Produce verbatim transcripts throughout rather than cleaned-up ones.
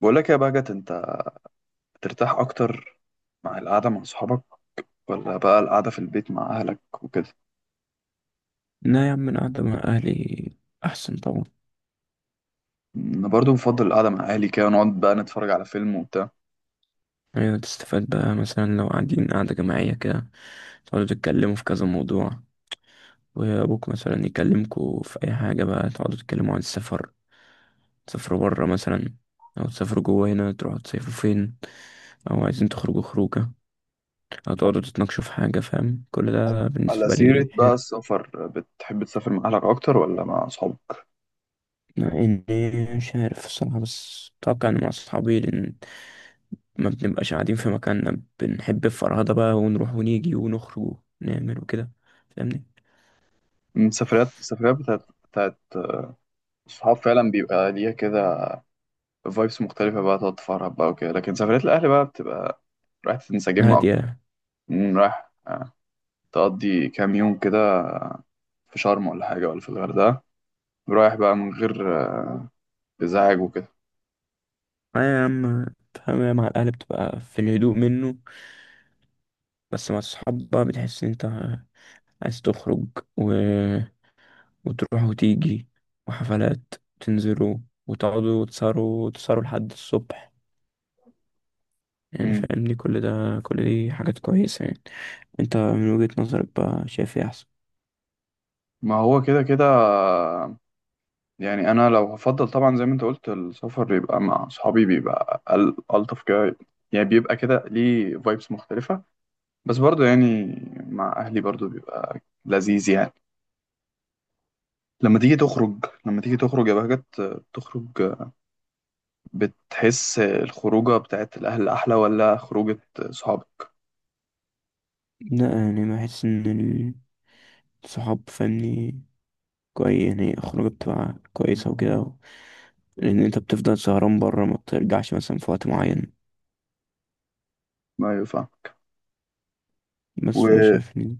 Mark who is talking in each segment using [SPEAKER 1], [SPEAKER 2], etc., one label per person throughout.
[SPEAKER 1] بقول لك يا بهجت، انت بترتاح اكتر مع القعده مع صحابك ولا بقى القعده في البيت مع اهلك وكده؟
[SPEAKER 2] لا يا عم، القعدة مع أهلي أحسن طبعا.
[SPEAKER 1] انا برضو بفضل القعده مع اهلي، كده نقعد بقى نتفرج على فيلم وبتاع.
[SPEAKER 2] يعني تستفاد بقى مثلا لو قاعدين قعدة جماعية كده، تقعدوا تتكلموا في كذا موضوع، وأبوك مثلا يكلمكوا في أي حاجة بقى، تقعدوا تتكلموا عن السفر، تسافروا برا مثلا، أو تسافروا جوا هنا، تروحوا تصيفوا فين، أو عايزين تخرجوا خروجة، أو تقعدوا تتناقشوا في حاجة. فاهم؟ كل ده
[SPEAKER 1] على
[SPEAKER 2] بالنسبة لي
[SPEAKER 1] سيره بقى
[SPEAKER 2] حلو.
[SPEAKER 1] السفر، بتحب تسافر مع اهلك اكتر ولا مع صحابك؟
[SPEAKER 2] مع اني مش عارف الصراحة، بس اتوقع ان مع اصحابي، لان ما بنبقاش قاعدين في مكاننا، بنحب الفرهدة بقى، ونروح ونيجي ونخرج ونعمل وكده. فاهمني؟
[SPEAKER 1] من السفريات السفريات بتاعت بتاعت الصحاب فعلا بيبقى ليها كده فايبس مختلفه، بقى تقعد تفرح بقى وكده، لكن سفريات الاهل بقى بتبقى رايح تنسجم اكتر.
[SPEAKER 2] هادية.
[SPEAKER 1] مم، رايح، آه، تقضي كام يوم كده في شرم ولا حاجه ولا في الغردقه، رايح بقى من غير آه، ازعاج وكده.
[SPEAKER 2] اه يا عم، فاهم، مع الاهل بتبقى في الهدوء منه، بس مع الصحاب بقى بتحس ان انت عايز تخرج و... وتروح وتيجي وحفلات، تنزلوا وتقعدوا وتسهروا وتسهروا لحد الصبح. يعني
[SPEAKER 1] مم.
[SPEAKER 2] فاهمني؟ كل ده، كل دي حاجات كويسة يعني. انت من وجهة نظرك بقى شايف ايه احسن؟
[SPEAKER 1] ما هو كده كده، يعني انا لو هفضل طبعا زي ما انت قلت، السفر يبقى مع اصحابي، بيبقى ال- الطف كده، يعني بيبقى كده ليه فايبس مختلفة، بس برضو يعني مع اهلي برضو بيبقى لذيذ يعني. لما تيجي تخرج لما تيجي تخرج يا بهجت، تخرج، بتحس الخروجة بتاعت الاهل احلى ولا خروجة صحابك؟
[SPEAKER 2] لا، يعني بحس ان الصحاب، فاهمني، كويس يعني، خروجة بتبقى كويسة وكده و- لأن أنت بتفضل سهران برا، ما بترجعش مثلا في وقت معين،
[SPEAKER 1] ما ينفع،
[SPEAKER 2] بس فأنا
[SPEAKER 1] وطبعا
[SPEAKER 2] شايف إن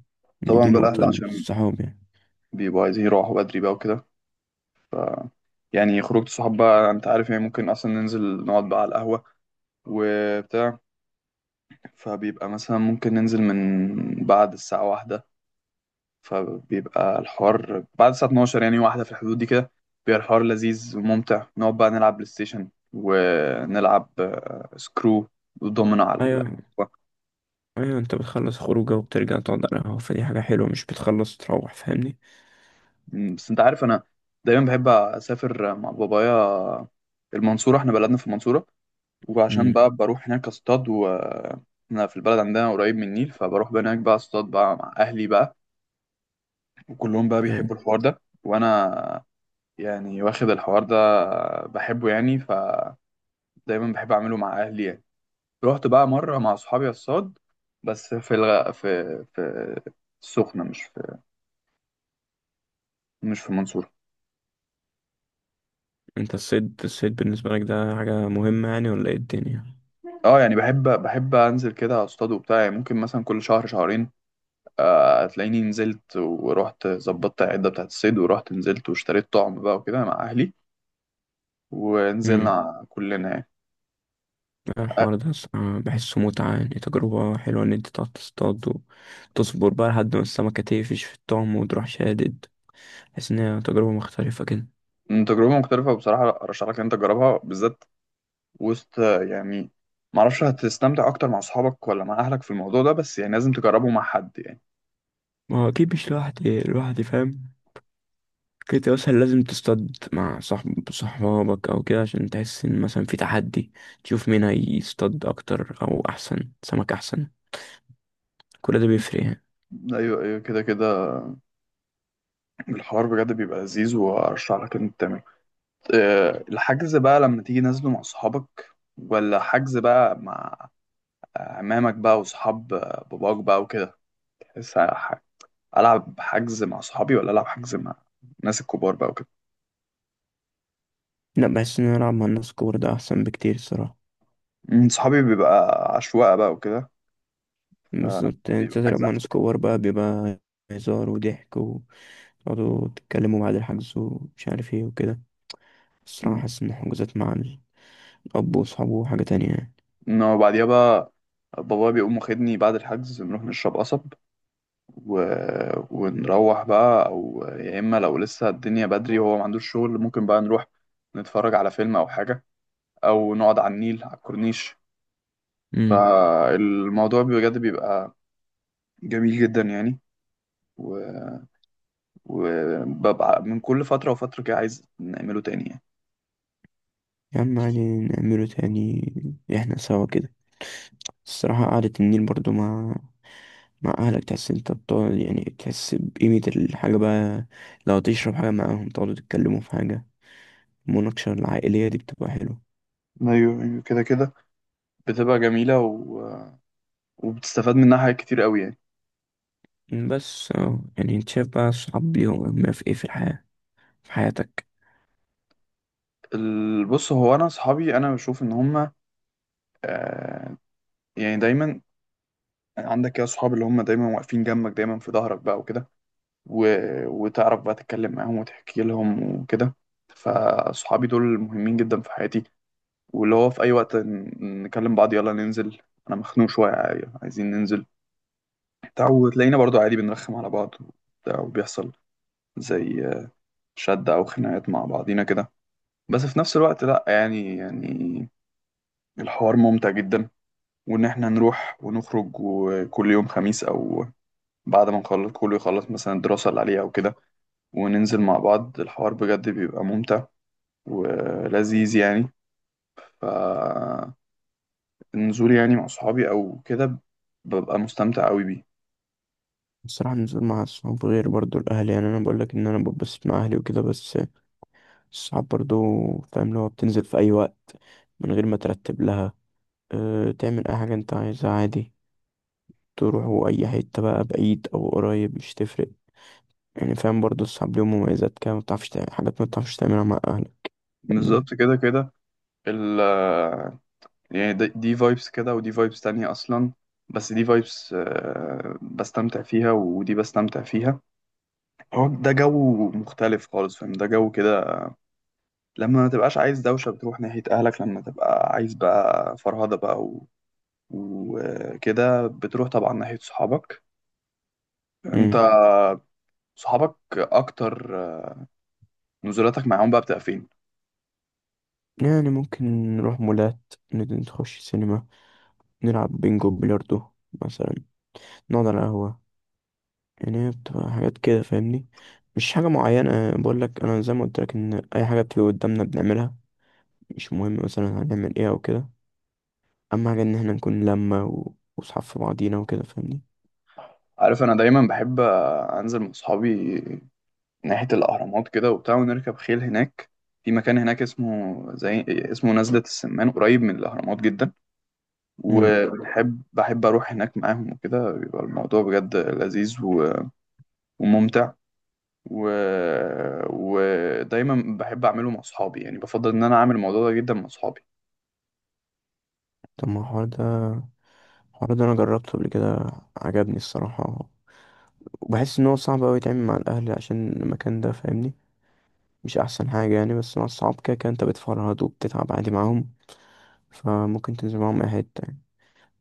[SPEAKER 2] إن دي
[SPEAKER 1] بقى الاهل
[SPEAKER 2] نقطة
[SPEAKER 1] عشان
[SPEAKER 2] للصحاب يعني.
[SPEAKER 1] بيبقوا عايزين يروحوا بدري بقى وكده، ف يعني خروجة الصحاب بقى انت عارف، يعني ممكن اصلا ننزل نقعد بقى على القهوة وبتاع، فبيبقى مثلا ممكن ننزل من بعد الساعة واحدة، فبيبقى الحوار بعد الساعة اتناشر، يعني واحدة في الحدود دي كده، بيبقى الحوار لذيذ وممتع، نقعد بقى نلعب بلاي ستيشن ونلعب آه، سكرو ودومينو على ال-
[SPEAKER 2] أيوة، أيوة، أنت بتخلص خروجة وبترجع تقعد على القهوة، فدي حاجة حلوة، مش بتخلص تروح. فاهمني؟
[SPEAKER 1] بس انت عارف انا دايما بحب اسافر مع بابايا. المنصورة احنا بلدنا في المنصورة، وعشان
[SPEAKER 2] امم.
[SPEAKER 1] بقى بروح هناك اصطاد، و احنا في البلد عندنا قريب من النيل، فبروح بقى هناك بقى اصطاد بقى مع اهلي بقى، وكلهم بقى بيحبوا
[SPEAKER 2] أيوة.
[SPEAKER 1] الحوار ده، وانا يعني واخد الحوار ده بحبه يعني، فدايما بحب اعمله مع اهلي يعني. رحت بقى مره مع اصحابي الصاد، بس في الغ... في في السخنه، مش في مش في المنصوره.
[SPEAKER 2] أنت الصيد الصيد بالنسبة لك ده حاجة مهمة يعني ولا إيه الدنيا؟
[SPEAKER 1] اه يعني بحب بحب انزل كده اصطاد وبتاع، يعني ممكن مثلا كل شهر شهرين. آه، هتلاقيني نزلت ورحت ظبطت العده بتاعت الصيد، ورحت نزلت واشتريت طعم بقى وكده مع اهلي، ونزلنا كلنا يعني. آه،
[SPEAKER 2] الحوار ده الصراحة بحسه متعة، يعني تجربة حلوة إن أنت تقعد تصطاد، وتصبر بقى لحد ما السمكة تقفش في الطعم وتروح شادد. بحس إنها تجربة مختلفة كده.
[SPEAKER 1] تجربة مختلفة بصراحة، أرشح لك إن أنت تجربها بالذات، وسط يعني معرفش هتستمتع اكتر مع اصحابك ولا مع اهلك في الموضوع ده، بس يعني لازم تجربه مع حد يعني.
[SPEAKER 2] ما هو أكيد مش لوحدي، لوحدي فاهم، كنت مثلا لازم تصطاد مع صاحب، صحابك أو كده، عشان تحس إن مثلا في تحدي، تشوف مين هيصطاد أكتر أو أحسن سمك أحسن. كل ده بيفرق يعني.
[SPEAKER 1] ايوه، ايوه، كده كده. الحوار بجد بيبقى لذيذ، وارشح لك ان انت تعمله. آه، الحجز بقى لما تيجي نازله، مع اصحابك ولا حجز بقى مع عمامك بقى واصحاب باباك بقى وكده؟ بس ح- العب حجز مع صحابي ولا العب حجز مع الناس الكبار بقى وكده؟
[SPEAKER 2] لأ، بحس إن أنا ألعب مع الناس كور ده أحسن بكتير الصراحة.
[SPEAKER 1] مم، صحابي بيبقى عشوائي بقى وكده،
[SPEAKER 2] بالظبط، يعني أنت
[SPEAKER 1] بيبقى
[SPEAKER 2] تلعب
[SPEAKER 1] حجز
[SPEAKER 2] مع ناس
[SPEAKER 1] عشوائي.
[SPEAKER 2] كور بقى، بيبقى هزار وضحك، تقعدوا تتكلموا بعد الحجز ومش عارف ايه وكده. الصراحة حاسس إن الحجوزات مع الأب وأصحابه حاجة تانية يعني.
[SPEAKER 1] انه بعديها بقى بابا بيقوم واخدني بعد الحجز، نروح نشرب قصب، و... ونروح بقى، او يا اما لو لسه الدنيا بدري وهو ما عندوش شغل، ممكن بقى نروح نتفرج على فيلم او حاجة، او نقعد على النيل على الكورنيش.
[SPEAKER 2] امم.
[SPEAKER 1] فالموضوع بجد بيبقى جميل جدا يعني، و- وببقى من كل فترة وفترة كده عايز نعمله تاني يعني.
[SPEAKER 2] يا عم عادي نعمله تاني، احنا سوا كده. الصراحة قعدة النيل برضو مع، مع أهلك، تحس انت بتقعد، يعني تحس بقيمة الحاجة بقى، لو تشرب حاجة معاهم، تقعدوا تتكلموا في حاجة. المناقشة العائلية دي بتبقى حلوة.
[SPEAKER 1] ايوه، ايوه، كده كده. بتبقى جميلة، و... وبتستفاد منها حاجات كتير قوي يعني.
[SPEAKER 2] بس اه، يعني انت شايف بقى الصحاب ليهم أهمية في ايه في الحياة، في حياتك؟
[SPEAKER 1] ال- بص، هو انا اصحابي انا بشوف ان هم، آه، يعني دايما عندك كده صحاب اللي هم دايما واقفين جنبك، دايما في ظهرك بقى وكده، و... وتعرف بقى تتكلم معاهم وتحكي لهم وكده، فصحابي دول مهمين جدا في حياتي، واللي هو في اي وقت ن- نكلم بعض يلا ننزل، انا مخنوق شويه عاي- عايزين ننزل بتاع وتلاقينا برضو عادي بنرخم على بعض وبتاع، وبيحصل زي شد او خناقات مع بعضينا كده، بس في نفس الوقت لا يعني يعني الحوار ممتع جدا، وان احنا نروح ونخرج وكل يوم خميس او بعد ما نخلص كله، يخلص مثلا الدراسة اللي عليه أو كده، وننزل مع بعض، الحوار بجد بيبقى ممتع ولذيذ يعني. فالنزول يعني مع صحابي أو كده ببقى مستمتع أوي بيه.
[SPEAKER 2] الصراحة النزول مع الصحاب غير برضو الأهل، يعني أنا بقولك إن أنا ببسط مع أهلي وكده، بس الصعب برضو، فاهم، اللي هو بتنزل في أي وقت من غير ما ترتب لها، أه، تعمل أي حاجة أنت عايزها عادي، تروحوا أي حتة بقى، بعيد أو قريب مش تفرق يعني. فاهم؟ برضو الصعب ليهم مميزات كده، مبتعرفش تعمل حاجات مبتعرفش تعملها مع أهلك. فاهمني؟
[SPEAKER 1] بالظبط، كده كده. ال يعني د- دي فايبس كده، ودي فايبس تانية أصلا، بس دي فايبس بستمتع فيها ودي بستمتع فيها. هو ده جو مختلف خالص، فاهم ده جو كده؟ لما ما تبقاش عايز دوشة بتروح ناحية أهلك، لما تبقى عايز بقى فرهدة بقى وكده بتروح طبعا ناحية صحابك. انت
[SPEAKER 2] مم.
[SPEAKER 1] صحابك اكتر نزولاتك معاهم بقى بتبقى فين؟
[SPEAKER 2] يعني ممكن نروح مولات، ند- نخش سينما، نلعب بينجو، بلياردو مثلا، نقعد على قهوة. يعني هي بتبقى حاجات كده، فاهمني؟ مش حاجة معينة بقول لك، أنا زي ما قلت لك إن أي حاجة بتيجي قدامنا بنعملها، مش مهم مثلا هنعمل ايه او كده. اهم حاجه ان احنا نكون لمه و- واصحاب في بعضينا وكده. فاهمني؟
[SPEAKER 1] عارف انا دايما بحب انزل مع صحابي ناحية الاهرامات كده وبتاع، ونركب خيل هناك. في مكان هناك اسمه زي اسمه نزلة السمان، قريب من الاهرامات جدا،
[SPEAKER 2] امم.
[SPEAKER 1] وبحب بحب اروح هناك معاهم وكده، بيبقى الموضوع بجد لذيذ و... وممتع، و... ودايما بحب اعمله مع صحابي يعني، بفضل ان انا اعمل الموضوع ده جدا مع صحابي.
[SPEAKER 2] طب ما الحوار ده، الحوار ده انا جربته قبل كده، عجبني الصراحه، وبحس ان هو صعب اوي يتعمل مع الاهل عشان المكان ده. فاهمني؟ مش احسن حاجه يعني، بس مع الصحاب كده كده انت بتفرهد وبتتعب عادي معاهم، فممكن تنزل معاهم اي حته يعني.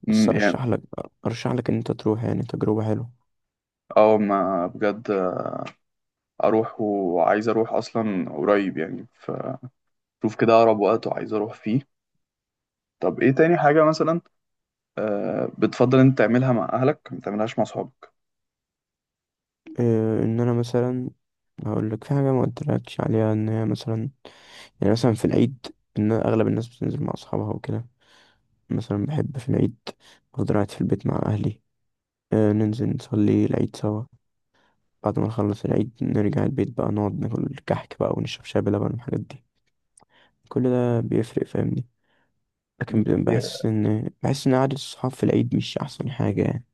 [SPEAKER 2] بس ارشح لك، ارشح لك ان انت تروح، يعني تجربه حلوه.
[SPEAKER 1] اه ما بجد اروح، وعايز اروح اصلا قريب يعني، فشوف كده اقرب وقت وعايز اروح فيه. طب ايه تاني حاجة مثلا آه، بتفضل انت تعملها مع اهلك ما تعملها مع صحابك؟
[SPEAKER 2] إيه ان انا مثلا، هقول لك في حاجه ما قلتلكش عليها، ان هي مثلا، يعني مثلا في العيد، إن أغلب الناس بتنزل مع أصحابها وكده، مثلا بحب في العيد أفضل قاعد في البيت مع أهلي، آه ننزل نصلي العيد سوا، بعد ما نخلص العيد نرجع البيت بقى، نقعد ناكل كحك بقى ونشرب شاي بلبن والحاجات دي. كل ده بيفرق، فاهمني؟ لكن ب-
[SPEAKER 1] Yeah.
[SPEAKER 2] بحس إن، بحس إن قعدة الصحاب في العيد مش أحسن حاجة يعني.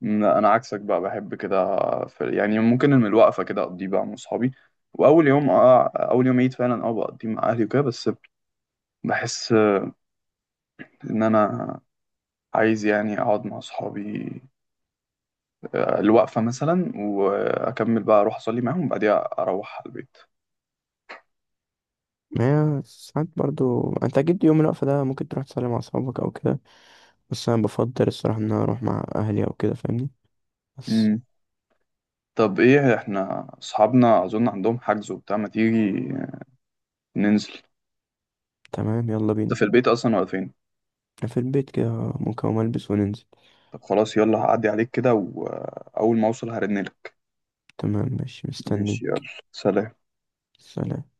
[SPEAKER 1] لا، انا عكسك بقى، بحب كده في، يعني ممكن من الوقفة كده اقضيه بقى مع صحابي، واول يوم اه اول يوم عيد فعلا اه بقضيه مع اهلي وكده، بس بحس ان انا عايز يعني اقعد مع صحابي آه، الوقفة مثلا، واكمل بقى اروح اصلي معاهم، وبعديها اروح على البيت.
[SPEAKER 2] ما هي ساعات برضو، انت اكيد يوم الوقفة ده ممكن تروح تصلي مع اصحابك او كده، بس انا بفضل الصراحة ان انا اروح مع اهلي او كده. فاهمني؟ بس.
[SPEAKER 1] طب، ايه، احنا اصحابنا اظن عندهم حجز وبتاع، ما تيجي ننزل.
[SPEAKER 2] تمام، يلا
[SPEAKER 1] ده
[SPEAKER 2] بينا.
[SPEAKER 1] في البيت اصلا ولا فين؟
[SPEAKER 2] في البيت كده، ممكن أقوم ألبس وننزل.
[SPEAKER 1] طب خلاص، يلا هعدي عليك كده، واول ما اوصل هرنلك.
[SPEAKER 2] تمام ماشي،
[SPEAKER 1] ماشي، يلا،
[SPEAKER 2] مستنيك.
[SPEAKER 1] سلام.
[SPEAKER 2] سلام.